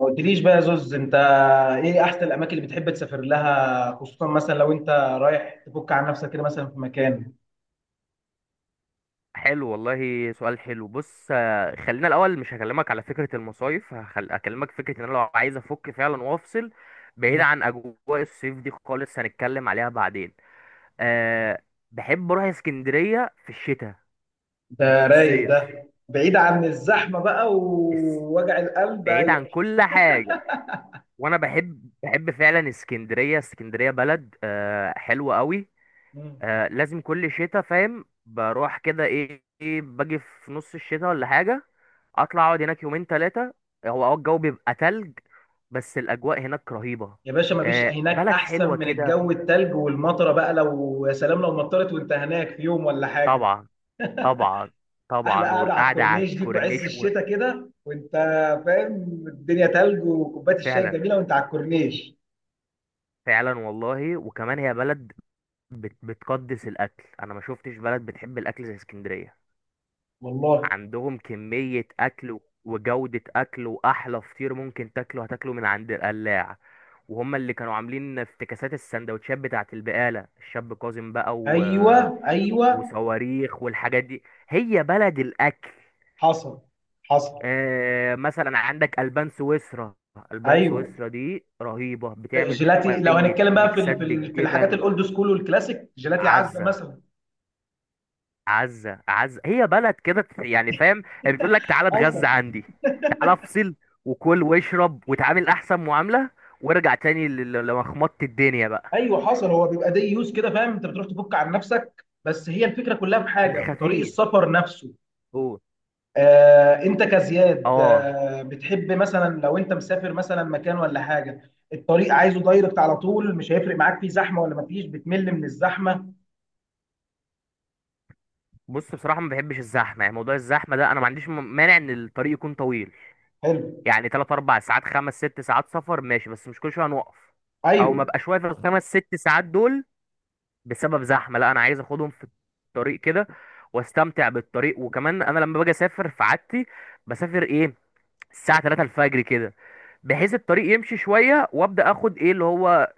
ما قلتليش بقى يا زوز انت، ايه احسن الاماكن اللي بتحب تسافر لها؟ خصوصا مثلا لو انت رايح تفك عن نفسك كده مثلا في مكان. حلو والله، سؤال حلو. بص، خلينا الاول. مش هكلمك على فكره المصايف. هكلمك فكره ان انا لو عايز افك فعلا وافصل بعيد مم. عن اجواء الصيف دي خالص. هنتكلم عليها بعدين. أه. بحب اروح اسكندريه في الشتاء، مش ده في رايق، الصيف. ده بعيد عن الزحمه بقى الس- ووجع القلب. بعيد ايوه. عن كل حاجه. وانا بحب فعلا اسكندريه، اسكندريه بلد حلوه قوي. مم. لازم كل شتاء فاهم بروح كده ايه إيه، باجي في نص الشتاء ولا حاجة. اطلع اقعد هناك يومين ثلاثة. هو الجو بيبقى تلج، بس الاجواء هناك رهيبة. يا باشا، مفيش آه، هناك بلد احسن حلوة من كده. الجو التلج والمطره بقى. لو يا سلام لو مطرت وانت هناك في يوم ولا حاجه. طبعا، طبعا، احلى طبعا، قاعده على والقعدة على الكورنيش دي في عز الكورنيش الشتاء كده، وانت فاهم الدنيا تلج وكوبايه الشاي فعلا، الجميله وانت على الكورنيش. فعلا والله. وكمان هي بلد بتقدس الاكل. انا ما شفتش بلد بتحب الاكل زي اسكندرية. والله. عندهم كمية أكل وجودة أكل، وأحلى فطير ممكن تاكله هتاكله من عند القلاع. وهم اللي كانوا عاملين افتكاسات السندوتشات بتاعة البقالة الشاب كاظم بقى ايوه، ايوه. وصواريخ والحاجات دي. هي بلد الأكل. حصل، حصل. مثلا عندك ألبان سويسرا، ألبان ايوه. سويسرا دي رهيبة، بتعمل جيلاتي، لو شوية هنتكلم بقى ميكسات في الحاجات بالجبن. الاولد سكول والكلاسيك، جيلاتي عزه عزة، مثلا. عزة، عزة هي بلد كده. يعني فاهم، هي بتقول لك تعالى اتغذى حصل. عندي، تعالى افصل، وكل واشرب وتعامل احسن معاملة، وارجع تاني لمخمطة الدنيا بقى. ايوه، حصل. هو بيبقى دي يوز كده، فاهم؟ انت بتروح تفك عن نفسك، بس هي الفكره كلها في في حاجه، في طريق الخفيف. السفر نفسه. قول. انت كزياد؟ اه، بتحب مثلا لو انت مسافر مثلا مكان ولا حاجه، الطريق عايزه دايركت على طول، مش هيفرق معاك فيه زحمه ولا مفيش، بتمل من الزحمه؟ بص بصراحة ما بحبش الزحمة. يعني موضوع الزحمة ده، انا ما عنديش مانع ان الطريق يكون طويل. حلو. يعني 3 4 ساعات، 5 6 ساعات سفر ماشي، بس مش كل شوية هنوقف او ايوه، ما بقاش واقف الخمس ست ساعات دول بسبب زحمه. لا، انا عايز اخدهم في الطريق كده واستمتع بالطريق. وكمان انا لما باجي اسافر، في عادتي بسافر الساعه 3 الفجر كده، بحيث الطريق يمشي شويه وابدا اخد ايه اللي هو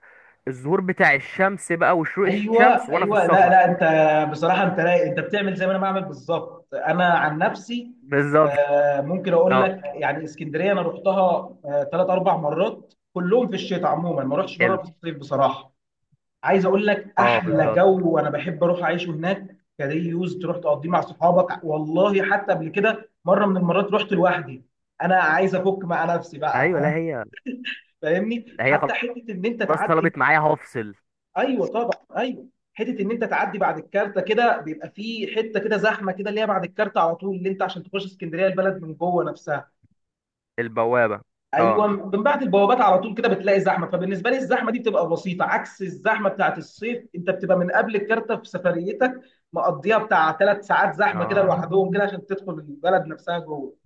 الظهور بتاع الشمس بقى، وشروق الشمس ايوه، وانا في ايوه. لا السفر. لا، انت بصراحه، انت، لا انت بتعمل زي ما انا بعمل بالظبط. انا عن نفسي، بالظبط. ممكن اقول اه، لك؟ يعني اسكندريه انا رحتها 3 4 مرات، كلهم في الشتاء. عموما ما رحتش مره حلو. في الصيف بصراحه. عايز اقول لك اه، احلى بالظبط. جو، وانا بحب اروح اعيشه هناك كدي يوز تروح تقضيه مع صحابك. والله حتى قبل كده، مره من المرات، رحت لوحدي. انا عايز افك مع نفسي بقى. ايوه، لا هي. فاهمني؟ لا هي، حتى حته ان انت خلاص تعدي. طلبت معايا هفصل. ايوه طبعا. ايوه. حته ان انت تعدي بعد الكارته كده، بيبقى في حته كده زحمه كده، اللي هي بعد الكارته على طول، اللي انت عشان تخش اسكندريه البلد من جوه نفسها. البوابه. اه، ايوه، من بعد البوابات على طول كده بتلاقي زحمه. فبالنسبه لي الزحمه دي بتبقى بسيطه، عكس الزحمه بتاعت الصيف. انت بتبقى من قبل الكارته في سفريتك، مقضيها بتاع 3 ساعات زحمه كده اه. لوحدهم كده عشان تدخل البلد نفسها جوه.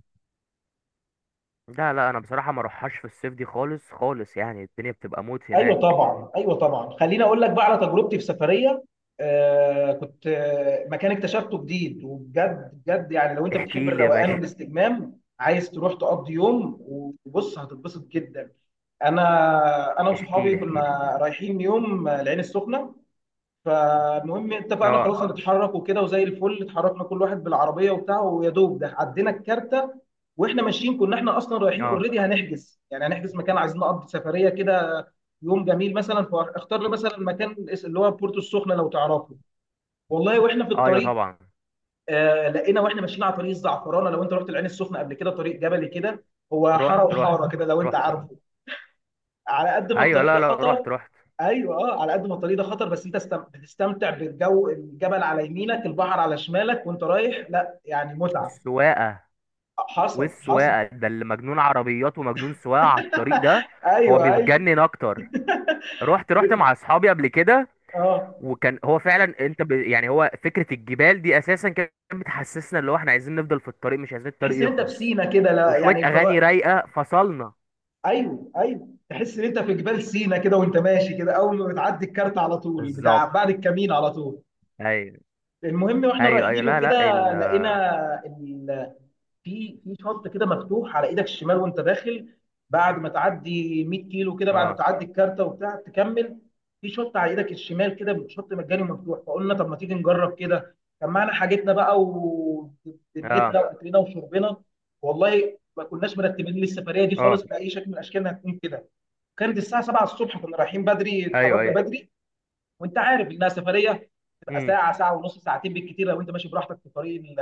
لا، لا، انا بصراحه ما اروحهاش في الصيف دي خالص خالص. يعني الدنيا بتبقى موت ايوه هناك. طبعا، ايوه طبعا. خليني اقول لك بقى على تجربتي في سفريه. كنت مكان اكتشفته جديد، وبجد بجد، يعني لو انت بتحب احكي لي يا الروقان باشا. والاستجمام، عايز تروح تقضي يوم، وبص هتتبسط جدا. انا احكي وصحابي لي، احكي. كنا رايحين يوم، العين السخنه. فالمهم اتفقنا اه، خلاص هنتحرك وكده، وزي الفل اتحركنا كل واحد بالعربيه وبتاعه. ويا دوب ده عدينا الكارته، واحنا ماشيين كنا احنا اصلا رايحين اه. اوريدي، هنحجز يعني هنحجز مكان، عايزين نقضي سفريه كده، يوم جميل مثلا. فاختار له مثلا مكان، اللي هو بورتو السخنه، لو تعرفه. والله واحنا في ايوه، الطريق، طبعا. لقينا واحنا ماشيين على طريق الزعفرانه. لو انت رحت العين السخنه قبل كده، طريق جبلي كده، هو حاره رحت، رحت، وحاره كده لو انت رحت. اه. عارفه. على قد ما ايوه، الطريق لا ده لا، خطر، رحت، رحت. ايوه اه، على قد ما الطريق ده خطر، بس انت بتستمتع بالجو، الجبل على يمينك، البحر على شمالك وانت رايح. لا يعني متعه. والسواقه. حصل، حصل. والسواقه ده اللي مجنون عربيات، ومجنون سواقه على الطريق ده. هو ايوه، ايوه، بيتجنن اكتر. رحت، رحت مع اصحابي قبل كده. اه. وكان هو فعلا انت يعني هو فكره الجبال دي اساسا كانت بتحسسنا اللي هو احنا عايزين نفضل في الطريق، مش عايزين تحس الطريق ان انت في يخلص. سينا كده، لا وشويه يعني. اغاني رايقه فصلنا. ايوه، ايوه، تحس ان انت في جبال سينا كده، وانت ماشي كده اول ما بتعدي الكارت على طول بتاع، بالظبط. بعد الكمين على طول. ايوه. المهم واحنا ايوه، ايوه، رايحين لا لا، وكده لقينا، ال... في شط كده مفتوح على ايدك الشمال وانت داخل، بعد ما تعدي 100 كيلو كده، بعد ما اه، تعدي الكارتة وبتاع تكمل، في شط على ايدك الشمال كده، شط مجاني ومفتوح. فقلنا طب ما تيجي نجرب كده. كان معانا حاجتنا بقى اه، ودنيتنا واكلنا وشربنا. والله ما كناش مرتبين للسفريه دي اه. خالص باي شكل من الاشكال انها تكون كده. كانت الساعه 7 الصبح، كنا رايحين بدري، ايوه، اتحركنا ايوه. بدري. وانت عارف انها سفريه تبقى امم. ساعه، ساعه ونص، ساعتين بالكتير لو انت ماشي براحتك في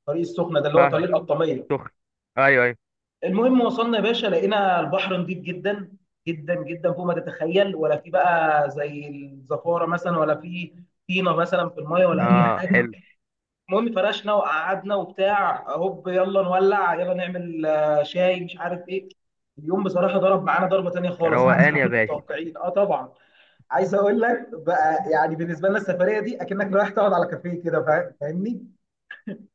الطريق السخنه ده اللي هو طريق فاهمك. القطاميه. سخن. ايوه، ايوه. المهم وصلنا يا باشا، لقينا البحر نضيف جدا، جدا جدا، فوق ما تتخيل. ولا في بقى زي الزفاره مثلا، ولا في طينه مثلا في الميه، ولا اي اه، حاجه. حلو. المهم فرشنا وقعدنا وبتاع، هوب يلا نولع، يلا نعمل شاي، مش عارف ايه. اليوم بصراحه ضرب معانا ضربه تانيه خالص، عكس روقان ما يا كنا باشا. متوقعين. اه طبعا. عايز اقول لك بقى، يعني بالنسبه لنا السفريه دي اكنك رايح تقعد على كافيه كده. فاهمني؟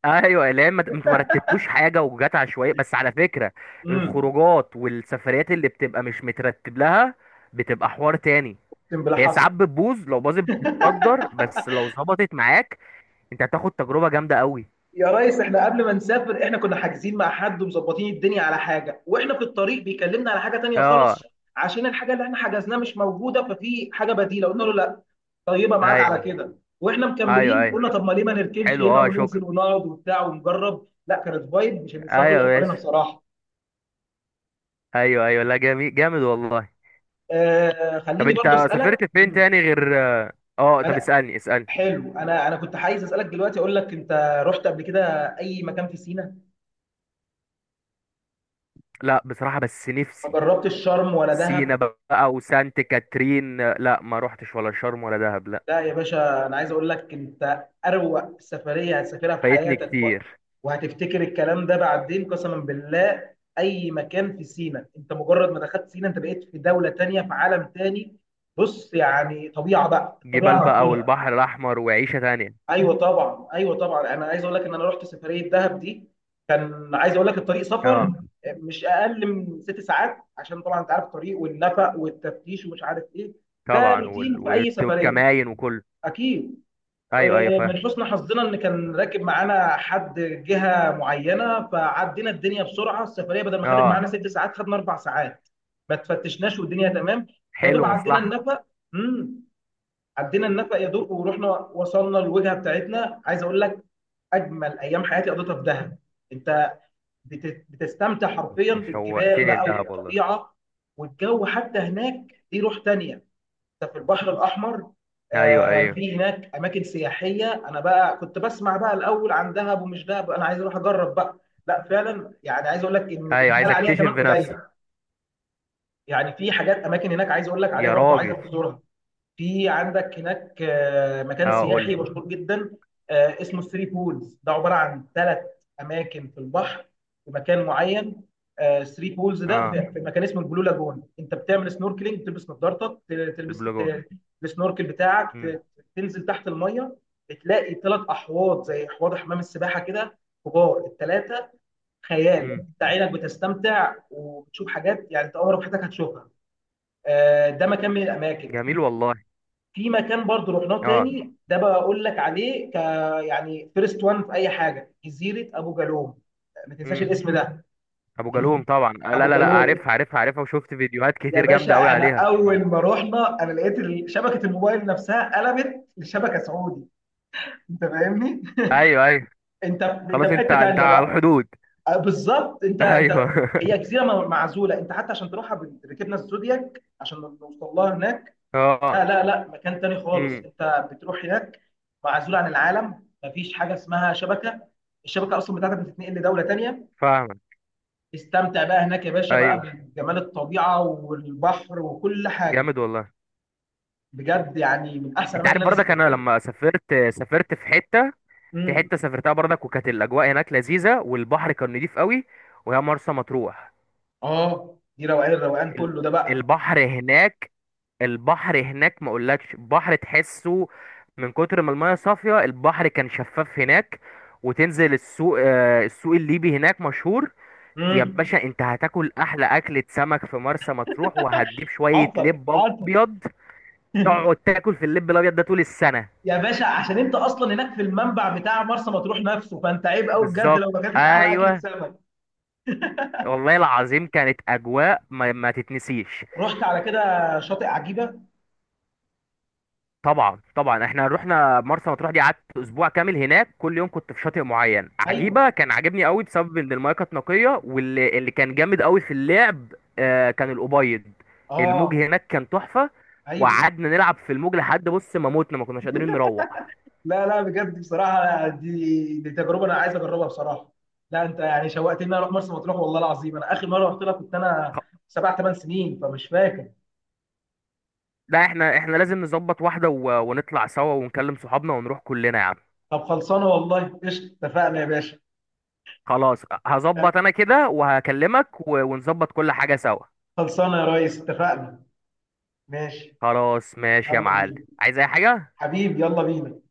ايوه، اللي هي ما انتوا ما رتبتوش حاجه وجات عشوائيه، بس على فكره امم. الخروجات والسفريات اللي بتبقى مش مترتب لها بتبقى حوار تاني. اقسم بالله. هي حصل. ساعات بتبوظ، لو باظت بتتصدر، بس لو ظبطت معاك انت هتاخد تجربه جامده قوي. يا ريس احنا قبل ما نسافر احنا كنا حاجزين مع حد ومظبطين الدنيا على حاجه، واحنا في الطريق بيكلمنا على حاجه تانية اه، خالص، عشان الحاجه اللي احنا حجزناها مش موجوده. ففي حاجه بديله قلنا له لا، طيبه معاك على ايوه، كده. واحنا ايوه، مكملين ايوه، قلنا طب ما ليه ما نركنش حلو، هنا اه، شكرا. وننزل ونقعد وبتاع ونجرب. لا، كانت فايب مش هننساها ايوه طول يا عمرنا باشا. بصراحه. ايوه، ايوه، لا، جميل جامد والله. طب خليني انت برضه سافرت اسالك. فين تاني غير اه طب اسالني، اسالني. حلو، انا كنت عايز اسالك دلوقتي. اقول لك، انت رحت قبل كده اي مكان في سينا؟ لا بصراحه، بس ما نفسي جربتش شرم ولا سينا دهب؟ بقى وسانت كاترين. لا، ما روحتش ولا شرم ولا دهب، لا. لا يا باشا، انا عايز اقول لك، انت اروق سفريه هتسافرها في فايتني حياتك، كتير. وهتفتكر الكلام ده بعدين قسما بالله. اي مكان في سينا، انت مجرد ما دخلت سينا انت بقيت في دوله تانية، في عالم تاني. بص يعني، طبيعه بقى جبال الطبيعه بقى، مفهومة. والبحر الاحمر، وعيشه تانية. ايوه طبعا، ايوه طبعا. انا عايز اقول لك ان انا رحت سفريه دهب دي، كان عايز اقول لك الطريق سفر، اه، مش اقل من 6 ساعات عشان طبعا انت عارف الطريق والنفق والتفتيش ومش عارف ايه. ده طبعا روتين في اي سفريه، والكماين وكل. اكيد. ايوه، ايوه، من فاهم. حسن حظنا ان كان راكب معانا حد جهه معينه، فعدينا الدنيا بسرعه. السفريه بدل ما خدت اه، معانا 6 ساعات، خدنا 4 ساعات، ما تفتشناش والدنيا تمام. يا دوب حلو، عدينا مصلحه. النفق. امم. عدينا النفق يا دوب، ورحنا وصلنا الوجهه بتاعتنا. عايز اقول لك، اجمل ايام حياتي قضيتها في دهب. انت بتستمتع حرفيا أنت بالجبال شوقتني بقى لدهب والله. وبالطبيعه، والجو حتى هناك دي روح تانية، انت في البحر الاحمر. ايوه، ايوه، في هناك اماكن سياحيه. انا بقى كنت بسمع بقى الاول عن دهب، ومش دهب، انا عايز اروح اجرب بقى. لا فعلا، يعني عايز اقول لك ان اللي ايوه، بيتقال عايز عليها اكتشف كمان قليل. بنفسي. يعني في حاجات اماكن هناك عايز اقول لك عليها يا برضو، عايزك راجل. تزورها. في عندك هناك مكان اه، قول سياحي لي. مشهور جدا، اسمه ثري بولز. ده عباره عن 3 اماكن في البحر، في مكان معين. ثري بولز ده اه، في مكان اسمه البلو لاجون. انت بتعمل سنوركلينج، بتلبس نظارتك، تلبس، البلو جول. السنوركل بتاعك، امم. تنزل تحت الميه، بتلاقي 3 احواض زي حوض حمام السباحه كده، كبار الثلاثه. خيال. امم. انت عينك بتستمتع وبتشوف حاجات يعني انت عمرك في حياتك هتشوفها. ده مكان من الاماكن. جميل والله. في مكان برضو رحناه اه. تاني، ده بقى اقول لك عليه ك، يعني فيرست وان في اي حاجه، جزيره ابو جالوم. ما تنساش امم الاسم ده. ابو جالوم طبعا. ابو لا، لا، لا، جالوم. عارفها، عارفها، عارفها، وشفت فيديوهات يا كتير باشا جامده قوي احنا عليها. اول ما رحنا انا لقيت شبكه الموبايل نفسها قلبت لشبكه سعودي. انت فاهمني؟ ايوه، ايوه. انت خلاص، في انت حته انت تانيه على بقى. الحدود. أه بالظبط، انت ايوه انت هي جزيره معزوله. انت حتى عشان تروحها ركبنا الزودياك عشان نوصل لها هناك. اه. لا لا لا، مكان تاني خالص امم انت بتروح هناك، معزول عن العالم، مفيش حاجه اسمها شبكه، الشبكه اصلا بتاعتك بتتنقل لدوله تانيه. فاهمك. استمتع بقى هناك يا باشا بقى ايوه، بجمال الطبيعه والبحر وكل حاجه. جامد والله. بجد يعني من احسن انت الاماكن عارف اللي انا برضك سافرت انا لها. لما سافرت، سافرت في حته، في امم. حته سافرتها برضك، وكانت الاجواء هناك لذيذه، والبحر كان نضيف قوي، وهي مرسى مطروح. اه، دي روقان الروقان ال- كله ده بقى. البحر هناك، البحر هناك ما اقولكش بحر تحسه. من كتر ما المايه صافيه، البحر كان شفاف هناك. وتنزل السوق، الليبي هناك مشهور. يا امم. باشا انت هتاكل احلى اكلة سمك في مرسى مطروح، وهتجيب شوية حصل، لب حصل. ابيض تقعد تاكل في اللب الابيض ده طول السنة. يا باشا عشان انت اصلا هناك في المنبع بتاع مرسى مطروح نفسه، فانت عيب قوي بجد بالظبط. لو ما كنتش احلى اكلة ايوه. سمك. والله العظيم، كانت اجواء ما تتنسيش. رحت على كده شاطئ عجيبه؟ طبعا، طبعا، احنا رحنا مرسى مطروح دي، قعدت اسبوع كامل هناك. كل يوم كنت في شاطئ معين. ايوه عجيبة كان عاجبني قوي بسبب ان المايه كانت نقية، واللي كان جامد قوي في اللعب كان الابيض. الموج اه، هناك كان تحفة، ايوه. وقعدنا نلعب في الموج لحد بص، ما موتنا، ما كناش قادرين نروح. لا لا، بجد بصراحه، لا، دي تجربه انا عايز اجربها بصراحه. لا انت يعني شوقتني اروح مرسى مطروح، والله العظيم انا اخر مره رحت لها كنت انا 7 8 سنين فمش فاكر. لا، احنا لازم نظبط واحدة ونطلع سوا، ونكلم صحابنا، ونروح كلنا يا عم. طب خلصانه والله، قشطه، اتفقنا يا باشا. خلاص، هظبط انا كده، وهكلمك ونظبط كل حاجة سوا. خلصانه يا ريس، اتفقنا. ماشي. خلاص، ماشي يا يلا معلم. بينا. عايز اي حاجة. حبيبي يلا بينا.